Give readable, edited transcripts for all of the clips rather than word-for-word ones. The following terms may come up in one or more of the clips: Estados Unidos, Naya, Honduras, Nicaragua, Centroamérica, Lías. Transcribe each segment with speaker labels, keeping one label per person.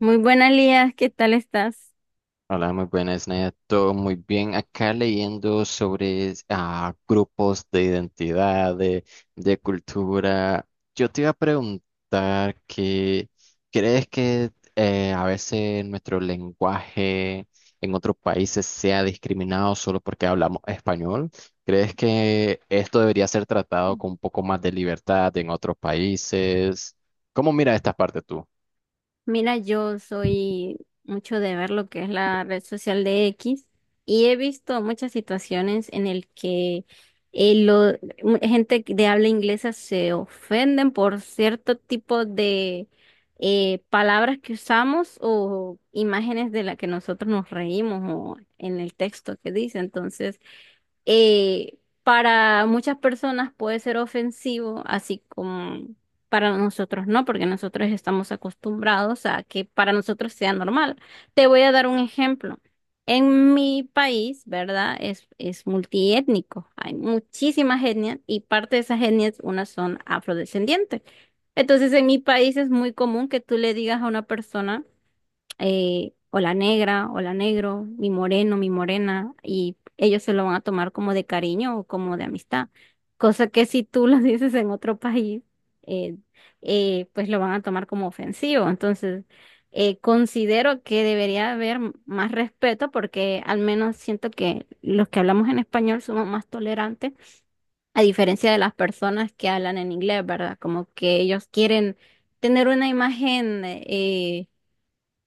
Speaker 1: Muy buenas, Lías, ¿qué tal estás?
Speaker 2: Hola, muy buenas, Naya. Todo muy bien. Acá leyendo sobre grupos de identidad, de cultura. Yo te iba a preguntar que, ¿crees que a veces nuestro lenguaje en otros países sea discriminado solo porque hablamos español? ¿Crees que esto debería ser tratado con un poco más de libertad en otros países? ¿Cómo mira esta parte tú?
Speaker 1: Mira, yo soy mucho de ver lo que es la red social de X y he visto muchas situaciones en el que eh, lo- gente de habla inglesa se ofenden por cierto tipo de palabras que usamos o imágenes de las que nosotros nos reímos o en el texto que dice. Entonces, para muchas personas puede ser ofensivo, así como para nosotros no, porque nosotros estamos acostumbrados a que para nosotros sea normal. Te voy a dar un ejemplo. En mi país, ¿verdad? Es multiétnico. Hay muchísimas etnias y parte de esas etnias, unas son afrodescendientes. Entonces, en mi país es muy común que tú le digas a una persona o la negra, o la negro, mi moreno, mi morena, y ellos se lo van a tomar como de cariño o como de amistad. Cosa que si tú lo dices en otro país, eh, pues lo van a tomar como ofensivo. Entonces, considero que debería haber más respeto porque al menos siento que los que hablamos en español somos más tolerantes, a diferencia de las personas que hablan en inglés, ¿verdad? Como que ellos quieren tener una imagen. eh,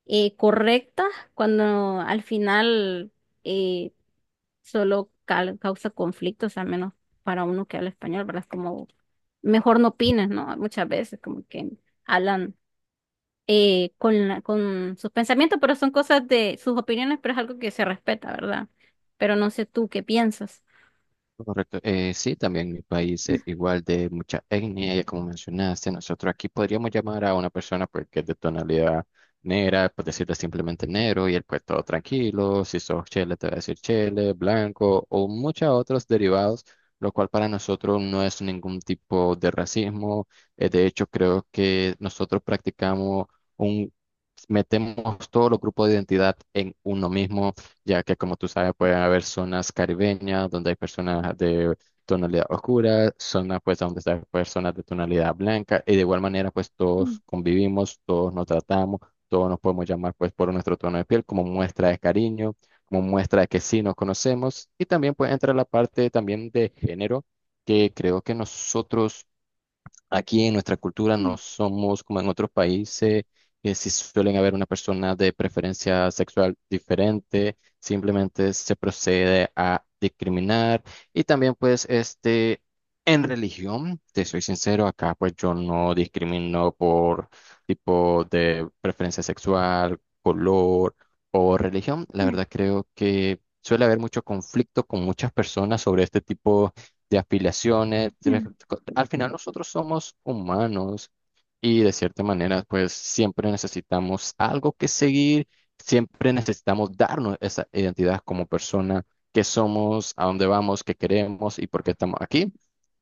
Speaker 1: eh, Correcta cuando al final, eh, solo causa conflictos, al menos para uno que habla español, ¿verdad? Es como mejor no opines, ¿no? Muchas veces como que hablan con, con sus pensamientos, pero son cosas de sus opiniones, pero es algo que se respeta, ¿verdad? Pero no sé tú qué piensas.
Speaker 2: Correcto. Sí, también mi país es igual de mucha etnia, ya como mencionaste, nosotros aquí podríamos llamar a una persona pues, que es de tonalidad negra, pues decirle simplemente negro y él pues todo tranquilo, si sos chele te va a decir chele, blanco o muchos otros derivados, lo cual para nosotros no es ningún tipo de racismo. De hecho, creo que nosotros practicamos un, metemos todos los grupos de identidad en uno mismo ya que como tú sabes puede haber zonas caribeñas donde hay personas de tonalidad oscura, zonas pues donde hay personas de tonalidad blanca y de igual manera pues
Speaker 1: Mm,
Speaker 2: todos convivimos, todos nos tratamos, todos nos podemos llamar pues por nuestro tono de piel como muestra de cariño, como muestra de que sí nos conocemos y también pues entra la parte también de género que creo que nosotros aquí en nuestra cultura no somos como en otros países, que si suelen haber una persona de preferencia sexual diferente, simplemente se procede a discriminar. Y también pues este, en religión, te soy sincero, acá pues yo no discrimino por tipo de preferencia sexual, color o religión. La
Speaker 1: mm,
Speaker 2: verdad creo que suele haber mucho conflicto con muchas personas sobre este tipo de aspiraciones.
Speaker 1: mm.
Speaker 2: Al final nosotros somos humanos y de cierta manera pues siempre necesitamos algo que seguir, siempre necesitamos darnos esa identidad como persona, que somos, a dónde vamos, qué queremos y por qué estamos aquí,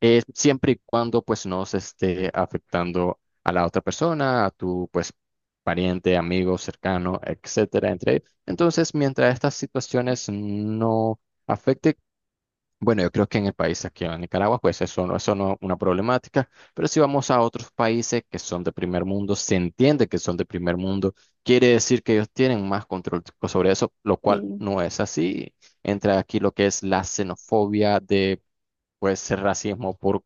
Speaker 2: siempre y cuando pues no se esté afectando a la otra persona, a tu pues pariente, amigo, cercano, etcétera, entre. Entonces, mientras estas situaciones no afecten, bueno, yo creo que en el país aquí en Nicaragua, pues eso no es una problemática, pero si vamos a otros países que son de primer mundo, se entiende que son de primer mundo, quiere decir que ellos tienen más control sobre eso, lo cual
Speaker 1: Sí.
Speaker 2: no es así. Entra aquí lo que es la xenofobia de, pues, racismo por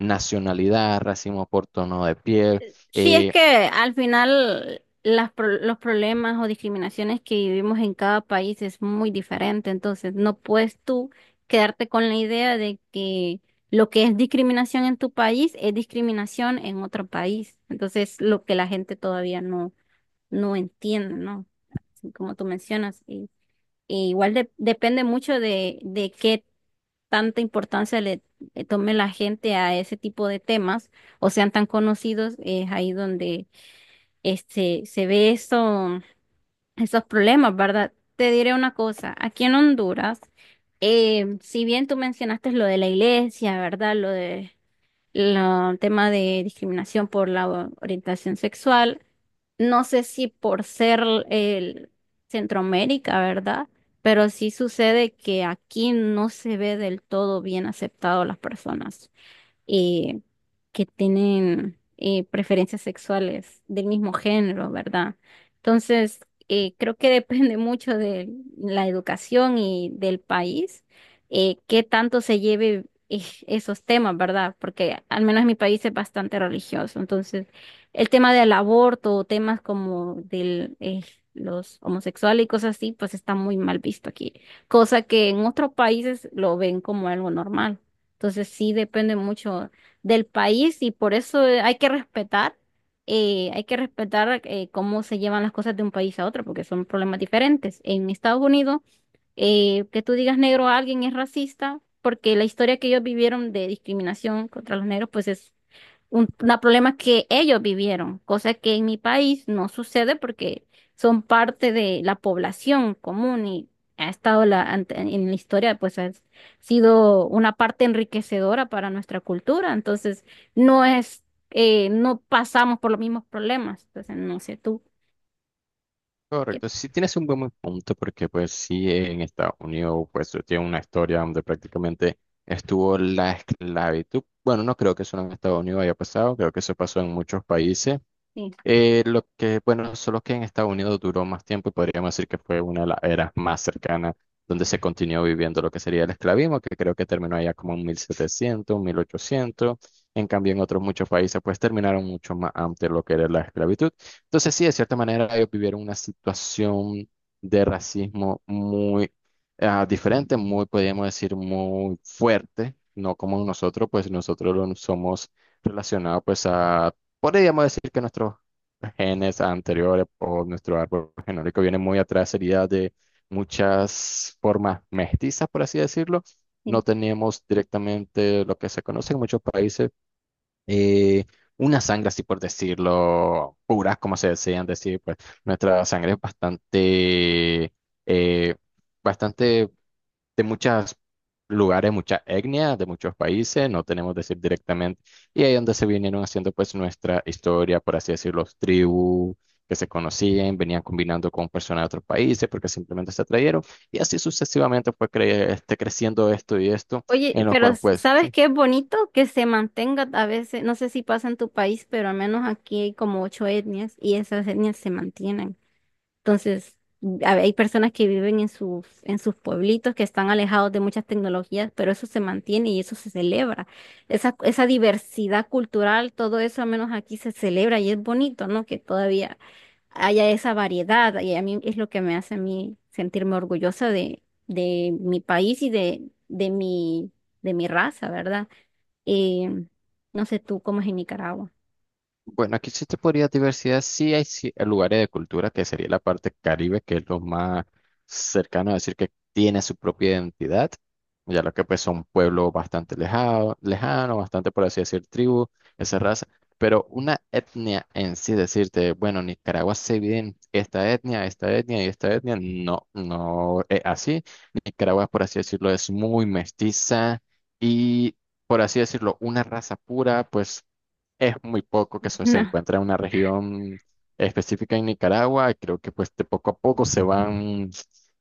Speaker 2: nacionalidad, racismo por tono de piel.
Speaker 1: Sí, es
Speaker 2: eh,
Speaker 1: que al final las los problemas o discriminaciones que vivimos en cada país es muy diferente, entonces no puedes tú quedarte con la idea de que lo que es discriminación en tu país es discriminación en otro país. Entonces, lo que la gente todavía no, no entiende, ¿no? Así como tú mencionas, y igual depende mucho de qué tanta importancia le tome la gente a ese tipo de temas o sean tan conocidos, es ahí donde se ve eso, esos problemas, ¿verdad? Te diré una cosa, aquí en Honduras, si bien tú mencionaste lo de la iglesia, ¿verdad? Lo tema de discriminación por la orientación sexual, no sé si por ser el Centroamérica, ¿verdad? Pero sí sucede que aquí no se ve del todo bien aceptado a las personas eh, que tienen preferencias sexuales del mismo género, ¿verdad? Entonces, creo que depende mucho de la educación y del país, qué tanto se lleve esos temas, ¿verdad? Porque al menos en mi país es bastante religioso. Entonces, el tema del aborto o temas como los homosexuales y cosas así, pues está muy mal visto aquí, cosa que en otros países lo ven como algo normal. Entonces sí depende mucho del país y por eso hay que respetar cómo se llevan las cosas de un país a otro, porque son problemas diferentes. En Estados Unidos, que tú digas negro a alguien es racista, porque la historia que ellos vivieron de discriminación contra los negros, pues es una problema que ellos vivieron, cosa que en mi país no sucede porque son parte de la población común y ha estado en la historia, pues ha sido una parte enriquecedora para nuestra cultura, entonces no es, no pasamos por los mismos problemas, entonces no sé tú. qué-
Speaker 2: Correcto, sí tienes un buen punto porque pues sí en Estados Unidos pues tiene una historia donde prácticamente estuvo la esclavitud. Bueno, no creo que solo en Estados Unidos haya pasado, creo que eso pasó en muchos países.
Speaker 1: Sí,
Speaker 2: Bueno, solo que en Estados Unidos duró más tiempo y podríamos decir que fue una de las eras más cercanas donde se continuó viviendo lo que sería el esclavismo, que creo que terminó allá como en 1700, 1800 En cambio, en otros muchos países, pues terminaron mucho más antes lo que era la esclavitud. Entonces, sí, de cierta manera, ellos vivieron una situación de racismo muy diferente, muy, podríamos decir, muy fuerte, no como nosotros, pues nosotros lo somos relacionados pues a... Podríamos decir que nuestros genes anteriores o nuestro árbol genómico viene muy atrás, sería de muchas formas mestizas, por así decirlo.
Speaker 1: sí.
Speaker 2: No tenemos directamente lo que se conoce en muchos países, eh, una sangre, así por decirlo, pura, como se decían decir, pues nuestra sangre es bastante, eh, bastante de muchos lugares, muchas etnias, de muchos países, no tenemos decir directamente, y ahí donde se vinieron haciendo pues nuestra historia, por así decirlo, los tribus que se conocían, venían combinando con personas de otros países porque simplemente se atrayeron, y así sucesivamente fue creciendo esto y esto,
Speaker 1: Oye,
Speaker 2: en los
Speaker 1: pero
Speaker 2: cuales pues,
Speaker 1: ¿sabes
Speaker 2: sí,
Speaker 1: qué es bonito? Que se mantenga a veces, no sé si pasa en tu país, pero al menos aquí hay como 8 etnias y esas etnias se mantienen. Entonces, hay personas que viven en sus pueblitos, que están alejados de muchas tecnologías, pero eso se mantiene y eso se celebra. Esa diversidad cultural, todo eso al menos aquí se celebra y es bonito, ¿no? Que todavía haya esa variedad y a mí es lo que me hace a mí sentirme orgullosa de mi país y de mi, de mi raza, ¿verdad? Eh, no sé tú cómo es en Nicaragua.
Speaker 2: bueno, aquí sí te podría diversidad, sí hay lugares de cultura que sería la parte Caribe, que es lo más cercano a decir que tiene su propia identidad, ya lo que pues son pueblos bastante lejano, lejano, bastante por así decir tribu, esa raza, pero una etnia en sí decirte, bueno, Nicaragua se divide en esta etnia y esta etnia, no, no es así. Nicaragua, por así decirlo, es muy mestiza y, por así decirlo, una raza pura, pues es muy poco que se
Speaker 1: No.
Speaker 2: encuentra en una región específica en Nicaragua. Creo que pues de poco a poco se van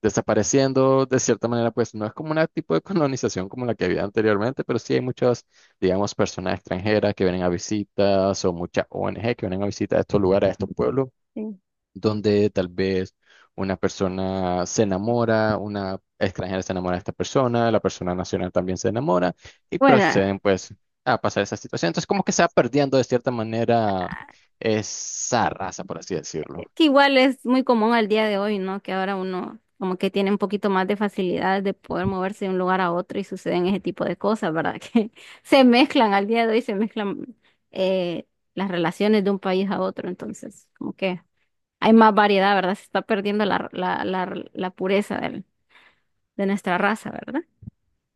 Speaker 2: desapareciendo. De cierta manera, pues no es como un tipo de colonización como la que había anteriormente, pero sí hay muchas, digamos, personas extranjeras que vienen a visitas o muchas ONG que vienen a visitar a estos lugares, a estos pueblos
Speaker 1: Sí.
Speaker 2: donde tal vez una persona se enamora, una extranjera se enamora de esta persona, la persona nacional también se enamora y
Speaker 1: Bueno,
Speaker 2: proceden pues a pasar esa situación. Entonces como que se va perdiendo de cierta manera esa raza, por así decirlo.
Speaker 1: que igual es muy común al día de hoy, ¿no? Que ahora uno como que tiene un poquito más de facilidad de poder moverse de un lugar a otro y suceden ese tipo de cosas, ¿verdad? Que se mezclan al día de hoy, se mezclan eh, las relaciones de un país a otro, entonces como que hay más variedad, ¿verdad? Se está perdiendo la pureza de nuestra raza, ¿verdad?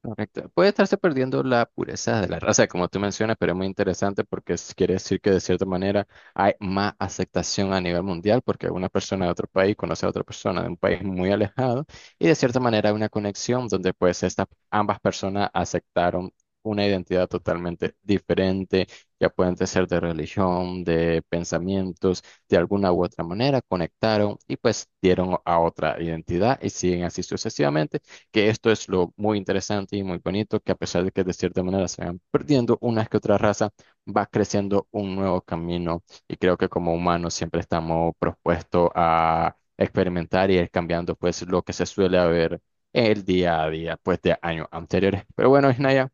Speaker 2: Correcto. Puede estarse perdiendo la pureza de la raza, como tú mencionas, pero es muy interesante porque quiere decir que de cierta manera hay más aceptación a nivel mundial porque una persona de otro país conoce a otra persona de un país muy alejado y de cierta manera hay una conexión donde pues estas ambas personas aceptaron una identidad totalmente diferente, ya pueden ser de religión, de pensamientos, de alguna u otra manera, conectaron y pues dieron a otra identidad y siguen así sucesivamente que esto es lo muy interesante y muy bonito, que a pesar de que de cierta manera se van perdiendo unas que otra raza, va creciendo un nuevo camino y creo que como humanos siempre estamos propuestos a experimentar y ir cambiando pues lo que se suele haber el día a día pues de años anteriores. Pero bueno, Isnaya,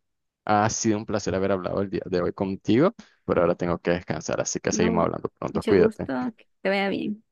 Speaker 2: ha sido un placer haber hablado el día de hoy contigo, pero ahora tengo que descansar, así que seguimos
Speaker 1: No,
Speaker 2: hablando pronto,
Speaker 1: mucho gusto,
Speaker 2: cuídate.
Speaker 1: que te vaya bien.